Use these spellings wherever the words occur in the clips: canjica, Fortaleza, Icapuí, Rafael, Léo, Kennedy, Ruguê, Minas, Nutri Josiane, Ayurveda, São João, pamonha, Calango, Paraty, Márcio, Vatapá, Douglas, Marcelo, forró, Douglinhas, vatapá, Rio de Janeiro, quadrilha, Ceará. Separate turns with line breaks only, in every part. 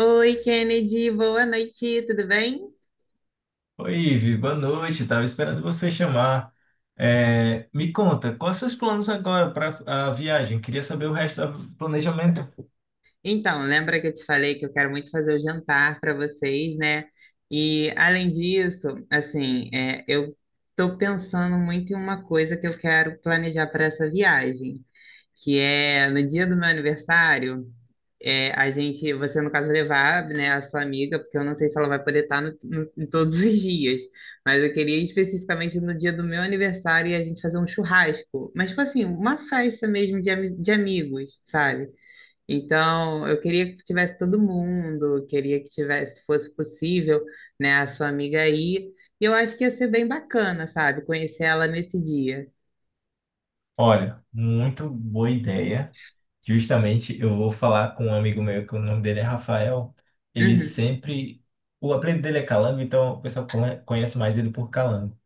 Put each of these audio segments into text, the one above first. Oi, Kennedy, boa noite, tudo bem?
Oi, Ivi, boa noite. Tava esperando você chamar. É, me conta, quais seus planos agora para a viagem? Queria saber o resto do planejamento.
Então, lembra que eu te falei que eu quero muito fazer o jantar para vocês, né? E além disso, assim, eu estou pensando muito em uma coisa que eu quero planejar para essa viagem, que é no dia do meu aniversário. A gente, você no caso levar, né, a sua amiga, porque eu não sei se ela vai poder estar em todos os dias, mas eu queria ir especificamente no dia do meu aniversário e a gente fazer um churrasco, mas tipo assim, uma festa mesmo de, de amigos, sabe? Então, eu queria que tivesse todo mundo, queria que tivesse, se fosse possível, né, a sua amiga aí. E eu acho que ia ser bem bacana, sabe? Conhecer ela nesse dia.
Olha, muito boa ideia. Justamente, eu vou falar com um amigo meu, que o nome dele é Rafael. Ele
Uhum,
sempre. O apelido dele é Calango, então o pessoal conhece mais ele por Calango.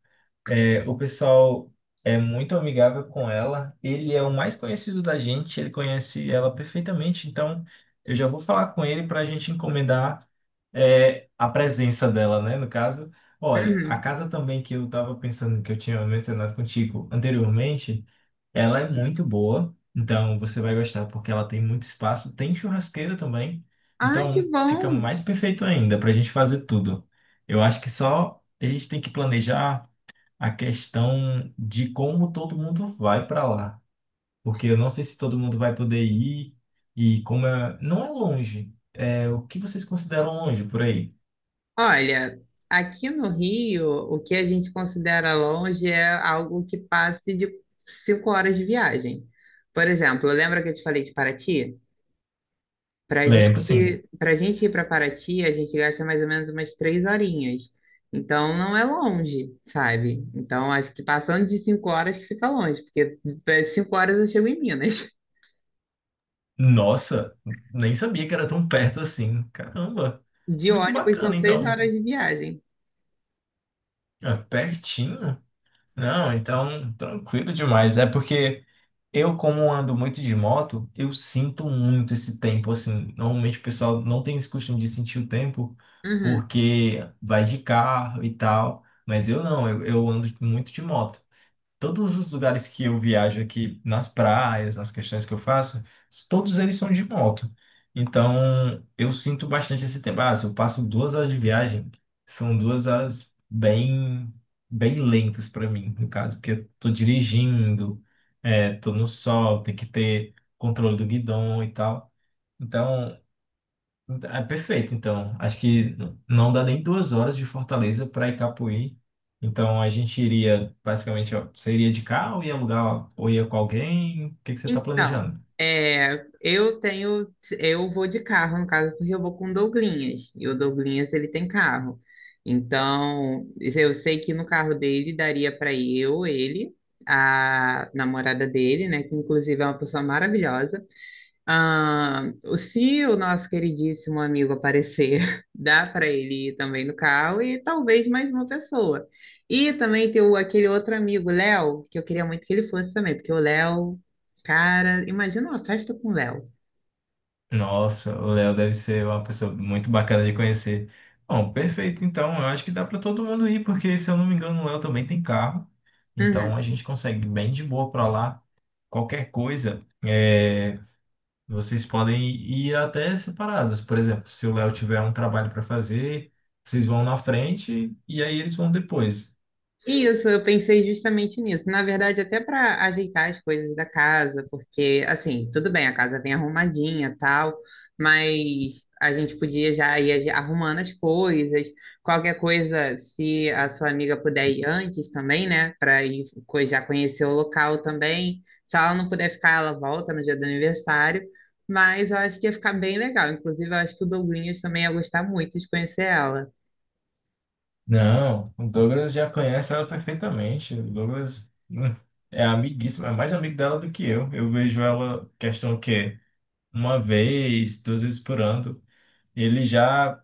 É, o pessoal é muito amigável com ela. Ele é o mais conhecido da gente, ele conhece ela perfeitamente. Então, eu já vou falar com ele para a gente encomendar, a presença dela, né? No caso, olha, a
uhum.
casa também que eu estava pensando, que eu tinha mencionado contigo anteriormente, ela é muito boa. Então, você vai gostar porque ela tem muito espaço, tem churrasqueira também.
Ai, que
Então, fica
bom!
mais perfeito ainda para a gente fazer tudo. Eu acho que só a gente tem que planejar a questão de como todo mundo vai para lá, porque eu não sei se todo mundo vai poder ir e como é, não é longe. É, o que vocês consideram longe por aí?
Olha, aqui no Rio, o que a gente considera longe é algo que passe de cinco horas de viagem. Por exemplo, lembra que eu te falei de Paraty?
Lembro, sim.
Para gente ir para Paraty, a gente gasta mais ou menos umas três horinhas. Então, não é longe, sabe? Então, acho que passando de cinco horas que fica longe, porque cinco horas eu chego em Minas.
Nossa, nem sabia que era tão perto assim. Caramba,
De
muito
ônibus são
bacana,
seis
então.
horas de viagem.
É, pertinho? Não, então tranquilo demais. É porque eu, como ando muito de moto, eu sinto muito esse tempo, assim. Normalmente o pessoal não tem esse costume de sentir o tempo,
Uhum.
porque vai de carro e tal. Mas eu não, eu ando muito de moto todos os lugares que eu viajo aqui, nas praias, nas questões que eu faço, todos eles são de moto. Então, eu sinto bastante esse tempo. Ah, se eu passo 2 horas de viagem, são 2 horas bem, bem lentas para mim, no caso, porque eu tô dirigindo, tô no sol, tem que ter controle do guidão e tal. Então, é perfeito, então. Acho que não dá nem 2 horas de Fortaleza para Icapuí. Então a gente iria, basicamente, ó, você iria de carro, ia alugar ou ia com alguém? O que que você está
Então,
planejando?
eu tenho, eu vou de carro, no caso, porque eu vou com o Douglinhas, e o Douglinhas, ele tem carro. Então, eu sei que no carro dele daria para eu, ele, a namorada dele, né, que inclusive é uma pessoa maravilhosa. Ah, se o nosso queridíssimo amigo aparecer, dá para ele ir também no carro e talvez mais uma pessoa. E também tem aquele outro amigo, Léo, que eu queria muito que ele fosse também, porque o Léo, cara, imagina uma festa com o Léo.
Nossa, o Léo deve ser uma pessoa muito bacana de conhecer. Bom, perfeito, então. Eu acho que dá para todo mundo ir, porque se eu não me engano, o Léo também tem carro. Então
Uhum.
a gente consegue bem de boa para lá. Qualquer coisa. Vocês podem ir até separados. Por exemplo, se o Léo tiver um trabalho para fazer, vocês vão na frente e aí eles vão depois.
Isso, eu pensei justamente nisso. Na verdade, até para ajeitar as coisas da casa, porque, assim, tudo bem, a casa vem arrumadinha, tal, mas a gente podia já ir arrumando as coisas. Qualquer coisa, se a sua amiga puder ir antes também, né, para ir já conhecer o local também. Se ela não puder ficar, ela volta no dia do aniversário. Mas eu acho que ia ficar bem legal. Inclusive, eu acho que o Douglinhas também ia gostar muito de conhecer ela.
Não, o Douglas já conhece ela perfeitamente. O Douglas é amiguíssimo, é mais amigo dela do que eu. Eu vejo ela, questão o quê? Uma vez, 2 vezes por ano. Ele já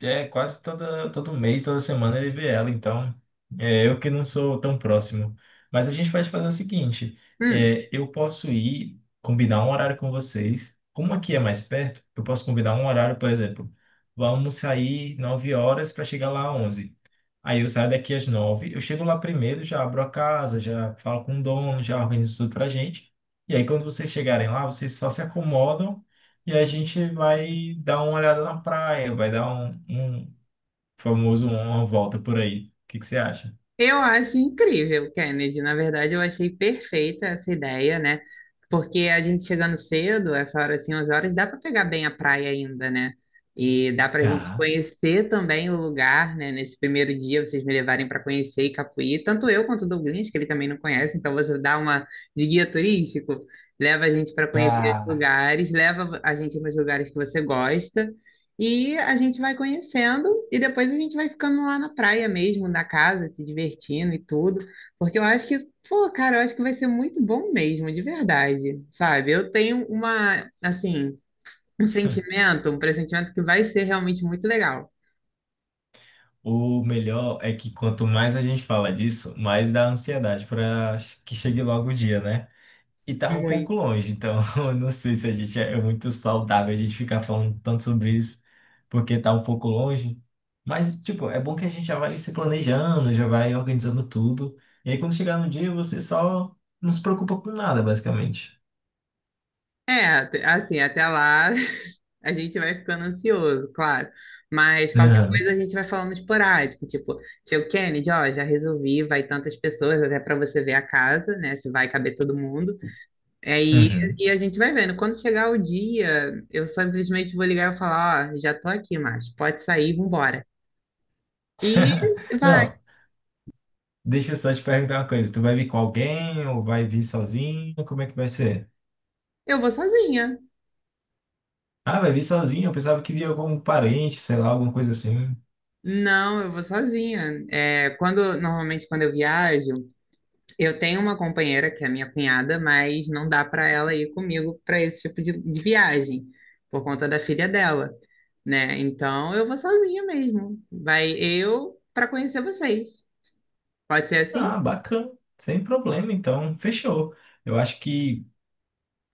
é, todo mês, toda semana ele vê ela, então é eu que não sou tão próximo. Mas a gente pode fazer o seguinte:
Hum.
eu posso ir combinar um horário com vocês. Como aqui é mais perto, eu posso combinar um horário, por exemplo, vamos sair 9 horas para chegar lá às 11. Aí eu saio daqui às 9, eu chego lá primeiro, já abro a casa, já falo com o dono, já organizo tudo pra gente. E aí quando vocês chegarem lá, vocês só se acomodam e a gente vai dar uma olhada na praia, vai dar um famoso uma volta por aí. O que que você acha?
Eu acho incrível, Kennedy. Na verdade, eu achei perfeita essa ideia, né? Porque a gente chegando cedo, essa hora assim, 11 horas, dá para pegar bem a praia ainda, né? E dá para a gente
Tá.
conhecer também o lugar, né? Nesse primeiro dia, vocês me levarem para conhecer Icapuí, tanto eu quanto o Douglas, que ele também não conhece, então você dá uma de guia turístico, leva a gente para conhecer os
Ah,
lugares, leva a gente nos lugares que você gosta. E a gente vai conhecendo e depois a gente vai ficando lá na praia mesmo, na casa, se divertindo e tudo. Porque eu acho que, pô, cara, eu acho que vai ser muito bom mesmo, de verdade, sabe? Eu tenho uma, assim, um sentimento, um pressentimento que vai ser realmente muito legal.
o melhor é que quanto mais a gente fala disso, mais dá ansiedade para que chegue logo o dia, né? E tá um pouco
Muito.
longe, então eu não sei se a gente é muito saudável a gente ficar falando tanto sobre isso, porque tá um pouco longe. Mas, tipo, é bom que a gente já vai se planejando, já vai organizando tudo. E aí, quando chegar no dia, você só não se preocupa com nada, basicamente.
É, assim, até lá a gente vai ficando ansioso, claro. Mas qualquer
Aham.
coisa a gente vai falando esporádico, tipo, tio Kennedy, ó, já resolvi, vai tantas pessoas, até para você ver a casa, né, se vai caber todo mundo. Aí
Uhum.
e a gente vai vendo. Quando chegar o dia, eu simplesmente vou ligar e falar, ó, já tô aqui, Márcio, pode sair, vambora. E vai.
Não, deixa eu só te perguntar uma coisa. Tu vai vir com alguém ou vai vir sozinho? Como é que vai ser?
Eu vou sozinha.
Ah, vai vir sozinho? Eu pensava que via algum parente, sei lá, alguma coisa assim.
Não, eu vou sozinha. É, quando normalmente quando eu viajo, eu tenho uma companheira que é minha cunhada, mas não dá para ela ir comigo para esse tipo de viagem por conta da filha dela, né? Então eu vou sozinha mesmo. Vai eu para conhecer vocês. Pode ser assim?
Ah, bacana. Sem problema, então. Fechou. Eu acho que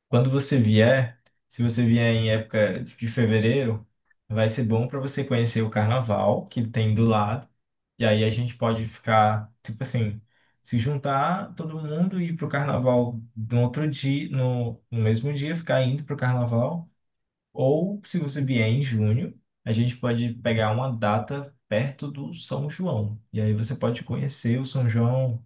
quando você vier, se você vier em época de fevereiro, vai ser bom para você conhecer o carnaval que tem do lado. E aí a gente pode ficar, tipo assim, se juntar todo mundo e ir pro carnaval no outro dia, no mesmo dia, ficar indo pro carnaval. Ou se você vier em junho, a gente pode pegar uma data perto do São João. E aí você pode conhecer o São João.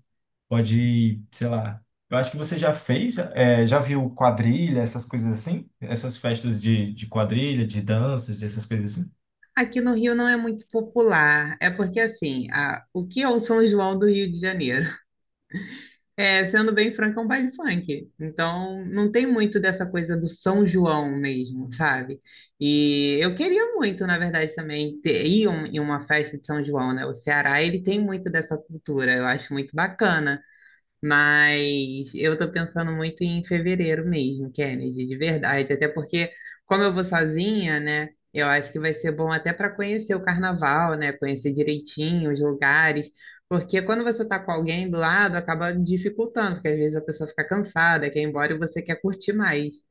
Pode, sei lá. Eu acho que você já fez, é, já viu quadrilha, essas coisas assim? Essas festas de quadrilha, de danças, dessas coisas assim?
Aqui no Rio não é muito popular. É porque, assim, o que é o São João do Rio de Janeiro? É, sendo bem franco, é um baile funk. Então, não tem muito dessa coisa do São João mesmo, sabe? E eu queria muito, na verdade, também ter, ir em uma festa de São João, né? O Ceará, ele tem muito dessa cultura. Eu acho muito bacana. Mas eu tô pensando muito em fevereiro mesmo, Kennedy, de verdade. Até porque, como eu vou sozinha, né? Eu acho que vai ser bom até para conhecer o carnaval, né? Conhecer direitinho os lugares. Porque quando você tá com alguém do lado, acaba dificultando, porque às vezes a pessoa fica cansada, quer ir embora e você quer curtir mais.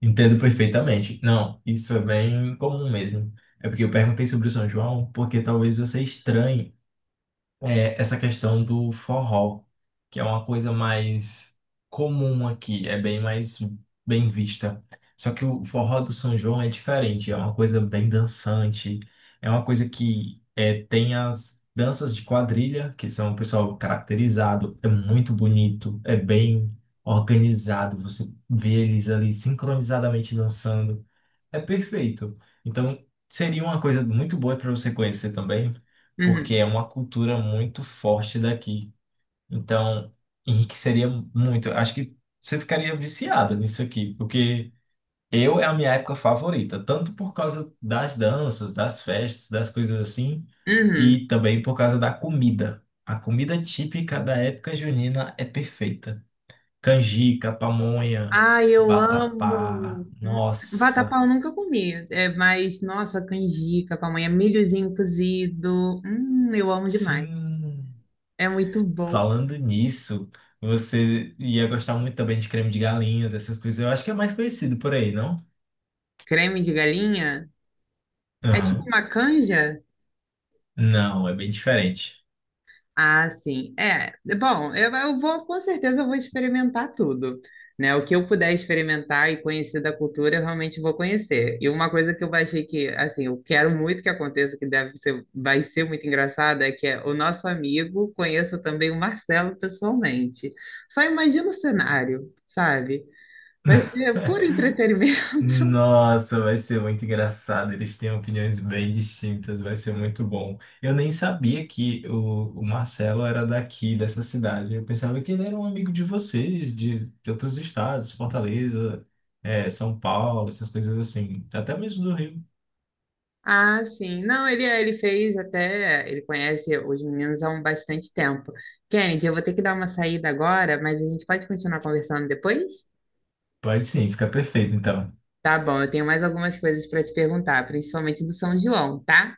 Entendo perfeitamente. Não, isso é bem comum mesmo. É porque eu perguntei sobre o São João, porque talvez você estranhe essa questão do forró, que é uma coisa mais comum aqui, é bem mais bem vista. Só que o forró do São João é diferente, é uma coisa bem dançante, é uma coisa tem as danças de quadrilha, que são o pessoal caracterizado, é muito bonito, é bem organizado, você vê eles ali sincronizadamente dançando. É perfeito. Então, seria uma coisa muito boa para você conhecer também, porque
Uhum.
é uma cultura muito forte daqui. Então, enriqueceria muito. Acho que você ficaria viciada nisso aqui, porque eu é a minha época favorita, tanto por causa das danças, das festas, das coisas assim,
Uhum.
e também por causa da comida. A comida típica da época junina é perfeita. Canjica, pamonha,
Ai, eu
vatapá.
amo! Vatapá
Nossa,
eu nunca comi, é, mas nossa, canjica, pamonha, milhozinho cozido. Eu amo demais.
sim.
É muito bom.
Falando nisso, você ia gostar muito também de creme de galinha, dessas coisas. Eu acho que é mais conhecido por aí, não?
Creme de galinha? É tipo
Aham.
uma canja?
Não, é bem diferente.
Ah, sim. É, bom, eu vou, com certeza, eu vou experimentar tudo, né? O que eu puder experimentar e conhecer da cultura, eu realmente vou conhecer. E uma coisa que eu achei que, assim, eu quero muito que aconteça, que deve ser, vai ser muito engraçado, é que o nosso amigo conheça também o Marcelo pessoalmente. Só imagina o cenário, sabe? Vai ser puro entretenimento.
Nossa, vai ser muito engraçado. Eles têm opiniões bem distintas, vai ser muito bom. Eu nem sabia que o Marcelo era daqui, dessa cidade. Eu pensava que ele era um amigo de vocês, de outros estados, Fortaleza, São Paulo, essas coisas assim. Até mesmo do Rio.
Ah, sim. Não, ele, é, ele fez até. Ele conhece os meninos há um bastante tempo. Kennedy, eu vou ter que dar uma saída agora, mas a gente pode continuar conversando depois?
Pode sim, fica perfeito então.
Tá bom, eu tenho mais algumas coisas para te perguntar, principalmente do São João, tá?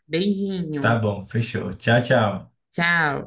Tá
Beijinho.
bom, fechou. Tchau, tchau.
Tchau.